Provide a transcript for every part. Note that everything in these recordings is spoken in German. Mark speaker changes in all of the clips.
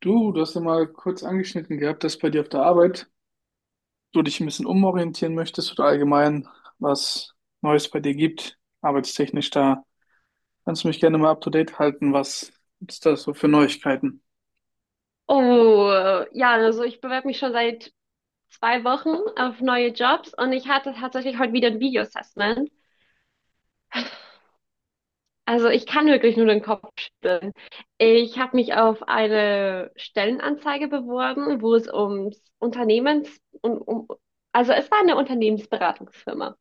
Speaker 1: Du hast ja mal kurz angeschnitten gehabt, dass bei dir auf der Arbeit du dich ein bisschen umorientieren möchtest oder allgemein was Neues bei dir gibt, arbeitstechnisch da. Kannst du mich gerne mal up to date halten? Was gibt's da so für Neuigkeiten?
Speaker 2: Oh, ja, also ich bewerbe mich schon seit zwei Wochen auf neue Jobs und ich hatte tatsächlich heute wieder ein Video-Assessment. Also ich kann wirklich nur den Kopf schütteln. Ich habe mich auf eine Stellenanzeige beworben, wo es ums Unternehmens, also es war eine Unternehmensberatungsfirma.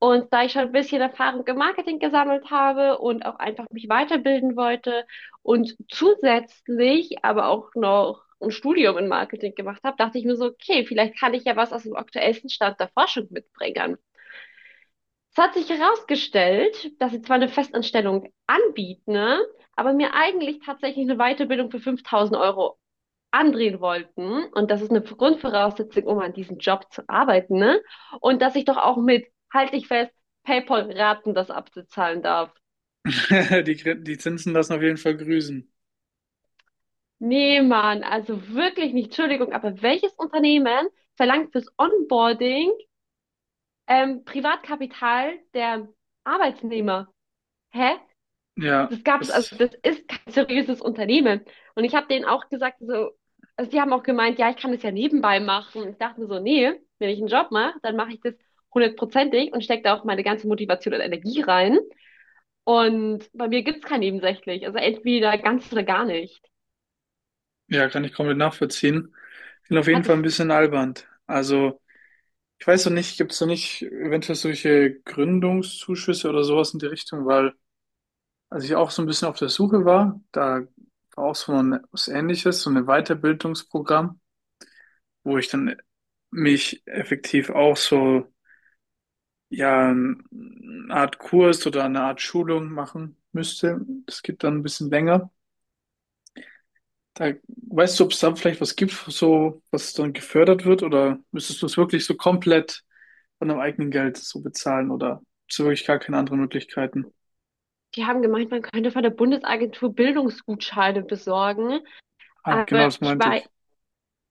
Speaker 2: Und da ich schon ein bisschen Erfahrung im Marketing gesammelt habe und auch einfach mich weiterbilden wollte und zusätzlich aber auch noch ein Studium in Marketing gemacht habe, dachte ich mir so, okay, vielleicht kann ich ja was aus dem aktuellsten Stand der Forschung mitbringen. Es hat sich herausgestellt, dass sie zwar eine Festanstellung anbieten, ne, aber mir eigentlich tatsächlich eine Weiterbildung für 5000 Euro andrehen wollten. Und das ist eine Grundvoraussetzung, um an diesem Job zu arbeiten. Ne? Und dass ich doch auch mit, halt dich fest, PayPal-Raten das abzuzahlen darf.
Speaker 1: Die Zinsen lassen auf jeden Fall grüßen.
Speaker 2: Nee, Mann, also wirklich nicht. Entschuldigung, aber welches Unternehmen verlangt fürs Onboarding Privatkapital der Arbeitnehmer? Hä?
Speaker 1: Ja,
Speaker 2: Das gab's, also
Speaker 1: das,
Speaker 2: das ist kein seriöses Unternehmen. Und ich habe denen auch gesagt, so, also die haben auch gemeint, ja, ich kann das ja nebenbei machen. Und ich dachte mir so, nee, wenn ich einen Job mache, dann mache ich das hundertprozentig und stecke da auch meine ganze Motivation und Energie rein. Und bei mir gibt's kein nebensächlich. Also entweder ganz oder gar nicht.
Speaker 1: ja, kann ich komplett nachvollziehen. Sind auf jeden
Speaker 2: Hat
Speaker 1: Fall ein
Speaker 2: es,
Speaker 1: bisschen albern. Also, ich weiß noch nicht, gibt's da nicht eventuell solche Gründungszuschüsse oder sowas in die Richtung, weil. Als ich auch so ein bisschen auf der Suche war, da war auch so ein, was Ähnliches, so ein Weiterbildungsprogramm, wo ich dann mich effektiv auch so, ja, eine Art Kurs oder eine Art Schulung machen müsste. Das geht dann ein bisschen länger. Da, weißt du, ob es da vielleicht was gibt, so, was dann gefördert wird, oder müsstest du es wirklich so komplett von deinem eigenen Geld so bezahlen, oder hast du wirklich gar keine anderen Möglichkeiten?
Speaker 2: die haben gemeint, man könnte von der Bundesagentur Bildungsgutscheine besorgen.
Speaker 1: Ah, genau
Speaker 2: Aber
Speaker 1: das
Speaker 2: ich
Speaker 1: meinte
Speaker 2: war,
Speaker 1: ich.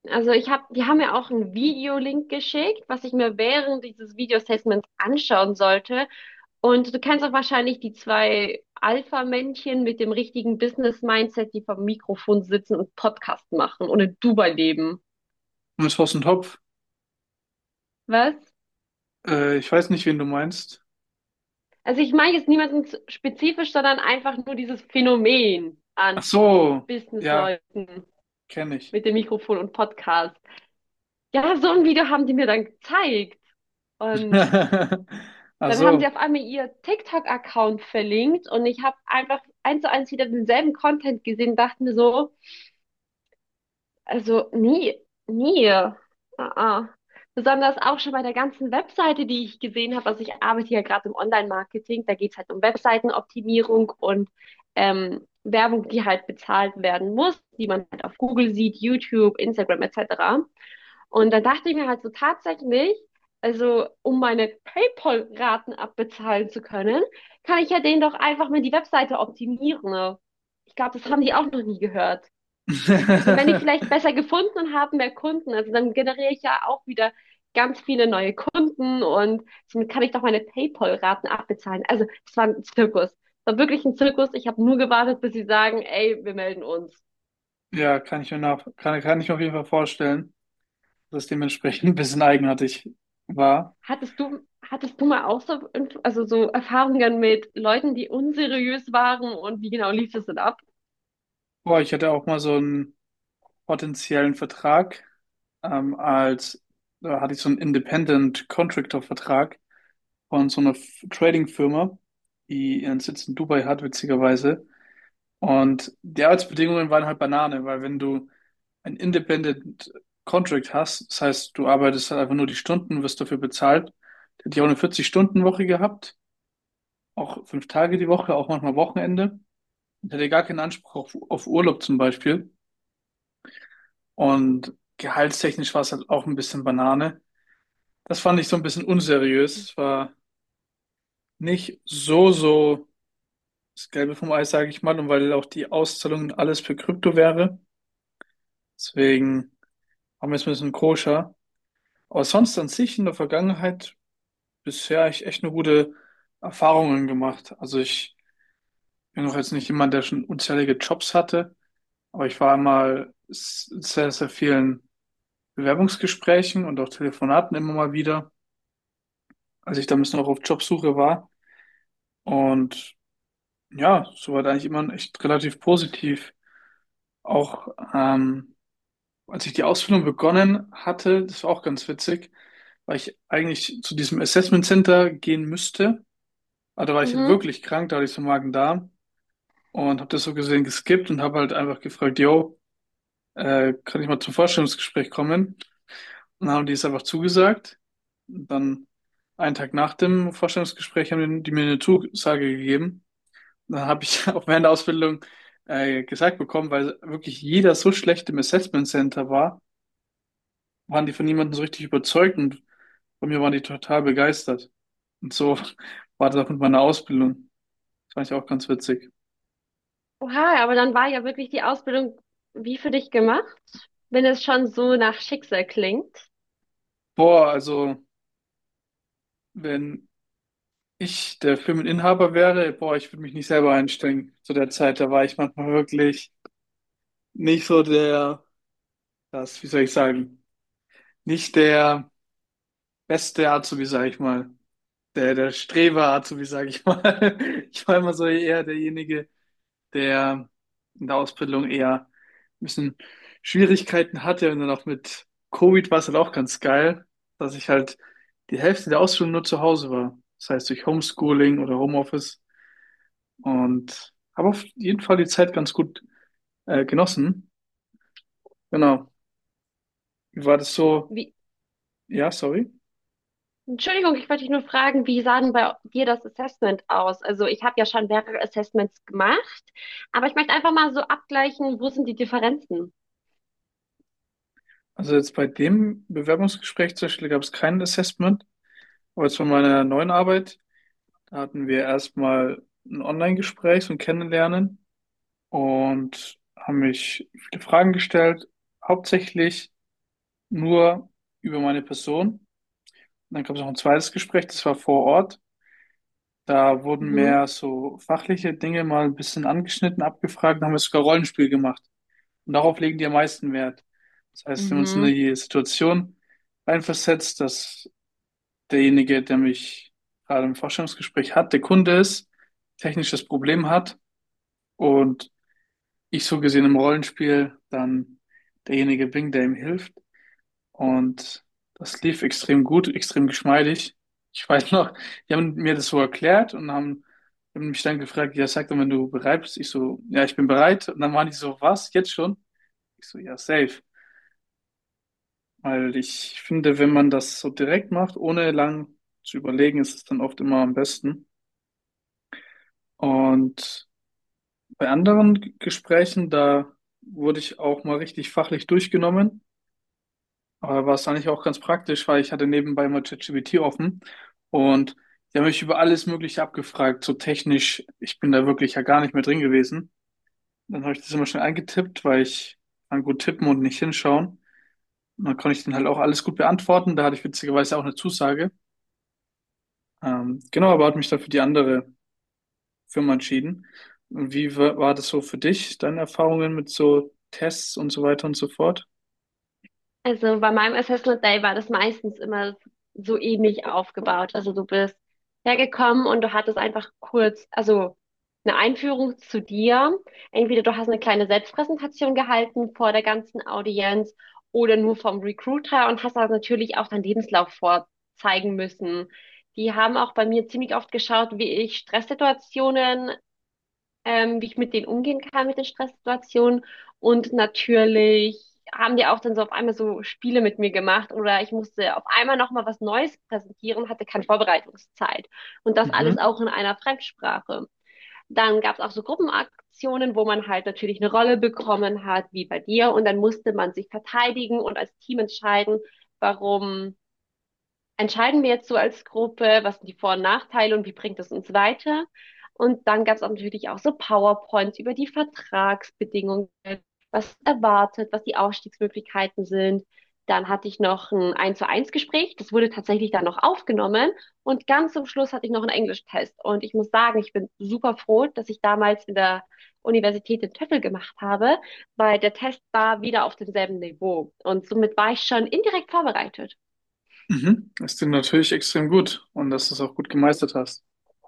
Speaker 2: also ich habe, die haben mir auch einen Videolink geschickt, was ich mir während dieses Videostatements anschauen sollte. Und du kennst auch wahrscheinlich die zwei Alpha-Männchen mit dem richtigen Business-Mindset, die vom Mikrofon sitzen und Podcast machen und in Dubai leben.
Speaker 1: Und es war so ein Topf.
Speaker 2: Was?
Speaker 1: Ich weiß nicht, wen du meinst.
Speaker 2: Also ich meine jetzt niemanden spezifisch, sondern einfach nur dieses Phänomen
Speaker 1: Ach
Speaker 2: an
Speaker 1: so, ja,
Speaker 2: Business-Leuten
Speaker 1: kenne ich.
Speaker 2: mit dem Mikrofon und Podcast. Ja, so ein Video haben die mir dann gezeigt. Und
Speaker 1: Ach
Speaker 2: dann haben sie
Speaker 1: so.
Speaker 2: auf einmal ihr TikTok-Account verlinkt und ich habe einfach eins zu eins wieder denselben Content gesehen, dachte mir so, also nie, nie. Ah, ah. Besonders auch schon bei der ganzen Webseite, die ich gesehen habe. Also ich arbeite ja gerade im Online-Marketing. Da geht's halt um Webseitenoptimierung und Werbung, die halt bezahlt werden muss, die man halt auf Google sieht, YouTube, Instagram etc. Und dann dachte ich mir halt so tatsächlich, also um meine PayPal-Raten abbezahlen zu können, kann ich ja denen doch einfach mal die Webseite optimieren. Ich glaube, das haben die auch noch nie gehört, dann wenn ich vielleicht besser gefunden und habe mehr Kunden. Also dann generiere ich ja auch wieder ganz viele neue Kunden und somit kann ich doch meine PayPal-Raten abbezahlen. Also es war ein Zirkus. Es war wirklich ein Zirkus. Ich habe nur gewartet, bis sie sagen, ey, wir melden uns.
Speaker 1: Ja, kann ich mir auf jeden Fall vorstellen, dass es dementsprechend ein bisschen eigenartig war.
Speaker 2: Hattest du mal auch so, also so Erfahrungen mit Leuten, die unseriös waren und wie genau lief das denn ab?
Speaker 1: Boah, ich hatte auch mal so einen potenziellen Vertrag, ähm, als, da hatte ich so einen Independent Contractor Vertrag von so einer Trading Firma, die ihren Sitz in Dubai hat, witzigerweise. Und die Arbeitsbedingungen waren halt Banane, weil wenn du ein Independent Contract hast, das heißt, du arbeitest halt einfach nur die Stunden, wirst dafür bezahlt. Der hat ja auch eine 40-Stunden-Woche gehabt, auch fünf Tage die Woche, auch manchmal Wochenende. Der hatte gar keinen Anspruch auf Urlaub zum Beispiel. Und gehaltstechnisch war es halt auch ein bisschen Banane. Das fand ich so ein bisschen unseriös. Es war nicht so, so das Gelbe vom Eis, sage ich mal, und weil auch die Auszahlung und alles für Krypto wäre. Deswegen haben wir jetzt ein bisschen koscher. Aber sonst an sich in der Vergangenheit bisher ich echt nur gute Erfahrungen gemacht. Also ich bin noch jetzt nicht jemand, der schon unzählige Jobs hatte, aber ich war einmal sehr, sehr vielen Bewerbungsgesprächen und auch Telefonaten immer mal wieder, als ich da ein bisschen auch auf Jobsuche war. Und ja, soweit eigentlich immer echt relativ positiv. Auch ähm, als ich die Ausbildung begonnen hatte, das war auch ganz witzig, weil ich eigentlich zu diesem Assessment Center gehen müsste. Aber da war ich halt
Speaker 2: Mhm.
Speaker 1: wirklich krank, da hatte ich so Magen-Darm und habe das so gesehen geskippt und habe halt einfach gefragt, yo, kann ich mal zum Vorstellungsgespräch kommen? Und dann haben die es einfach zugesagt. Und dann einen Tag nach dem Vorstellungsgespräch haben die mir eine Zusage gegeben. Dann habe ich auch während der Ausbildung gesagt bekommen, weil wirklich jeder so schlecht im Assessment Center war, waren die von niemandem so richtig überzeugt und von mir waren die total begeistert. Und so war das auch mit meiner Ausbildung. Das fand ich auch ganz witzig.
Speaker 2: Oha, aber dann war ja wirklich die Ausbildung wie für dich gemacht, wenn es schon so nach Schicksal klingt.
Speaker 1: Boah, also. Wenn ich der Firmeninhaber wäre, boah, ich würde mich nicht selber einstrengen. Zu der Zeit, da war ich manchmal wirklich nicht so der, das, wie soll ich sagen, nicht der beste Azubi, sag ich mal. Der, der Streber-Azubi, sag ich mal. Ich war immer so eher derjenige, der in der Ausbildung eher ein bisschen Schwierigkeiten hatte und dann auch mit Covid war es halt auch ganz geil, dass ich halt die Hälfte der Ausbildung nur zu Hause war. Das heißt, durch Homeschooling oder Homeoffice. Und habe auf jeden Fall die Zeit ganz gut genossen. Genau. Wie war das so?
Speaker 2: Wie,
Speaker 1: Ja, sorry.
Speaker 2: Entschuldigung, ich wollte dich nur fragen, wie sah denn bei dir das Assessment aus? Also ich habe ja schon mehrere Assessments gemacht, aber ich möchte einfach mal so abgleichen, wo sind die Differenzen?
Speaker 1: Also jetzt bei dem Bewerbungsgespräch zum Beispiel gab es kein Assessment, aber jetzt bei meiner neuen Arbeit, da hatten wir erstmal ein Online-Gespräch, so ein Kennenlernen und haben mich viele Fragen gestellt, hauptsächlich nur über meine Person. Dann gab es noch ein zweites Gespräch, das war vor Ort. Da wurden
Speaker 2: Mhm.
Speaker 1: mehr so fachliche Dinge mal ein bisschen angeschnitten, abgefragt, dann haben wir sogar Rollenspiel gemacht. Und darauf legen die am meisten Wert. Das heißt, wenn man uns in
Speaker 2: Mhm.
Speaker 1: die Situation reinversetzt, dass derjenige, der mich gerade im Forschungsgespräch hat, der Kunde ist, technisches Problem hat und ich so gesehen im Rollenspiel dann derjenige bin, der ihm hilft, und das lief extrem gut, extrem geschmeidig. Ich weiß noch, die haben mir das so erklärt und haben mich dann gefragt, ja, sag doch, wenn du bereit bist. Ich so, ja, ich bin bereit. Und dann waren die so, was, jetzt schon? Ich so, ja, safe. Weil ich finde, wenn man das so direkt macht, ohne lang zu überlegen, ist es dann oft immer am besten. Und bei anderen Gesprächen, da wurde ich auch mal richtig fachlich durchgenommen. Aber war es eigentlich auch ganz praktisch, weil ich hatte nebenbei mal ChatGPT offen und die haben mich über alles Mögliche abgefragt, so technisch. Ich bin da wirklich ja gar nicht mehr drin gewesen. Dann habe ich das immer schnell eingetippt, weil ich kann gut tippen und nicht hinschauen. Und dann konnte ich den halt auch alles gut beantworten. Da hatte ich witzigerweise auch eine Zusage. Genau, aber hat mich dann für die andere Firma entschieden. Und wie war das so für dich, deine Erfahrungen mit so Tests und so weiter und so fort?
Speaker 2: Also bei meinem Assessment Day war das meistens immer so ähnlich aufgebaut. Also du bist hergekommen und du hattest einfach kurz, also eine Einführung zu dir. Entweder du hast eine kleine Selbstpräsentation gehalten vor der ganzen Audienz oder nur vom Recruiter und hast also natürlich auch deinen Lebenslauf vorzeigen müssen. Die haben auch bei mir ziemlich oft geschaut, wie ich Stresssituationen, wie ich mit denen umgehen kann, mit den Stresssituationen. Und natürlich haben die auch dann so auf einmal so Spiele mit mir gemacht oder ich musste auf einmal nochmal was Neues präsentieren, hatte keine Vorbereitungszeit. Und das alles
Speaker 1: Mhm.
Speaker 2: auch in einer Fremdsprache. Dann gab es auch so Gruppenaktionen, wo man halt natürlich eine Rolle bekommen hat, wie bei dir. Und dann musste man sich verteidigen und als Team entscheiden, warum entscheiden wir jetzt so als Gruppe, was sind die Vor- und Nachteile und wie bringt es uns weiter? Und dann gab es auch natürlich auch so PowerPoints über die Vertragsbedingungen, was erwartet, was die Ausstiegsmöglichkeiten sind. Dann hatte ich noch ein 1 zu eins Gespräch, das wurde tatsächlich dann noch aufgenommen. Und ganz zum Schluss hatte ich noch einen Englischtest. Und ich muss sagen, ich bin super froh, dass ich damals in der Universität den TOEFL gemacht habe, weil der Test war wieder auf demselben Niveau. Und somit war ich schon indirekt vorbereitet.
Speaker 1: Mhm. Das klingt natürlich extrem gut und dass du es auch gut gemeistert hast.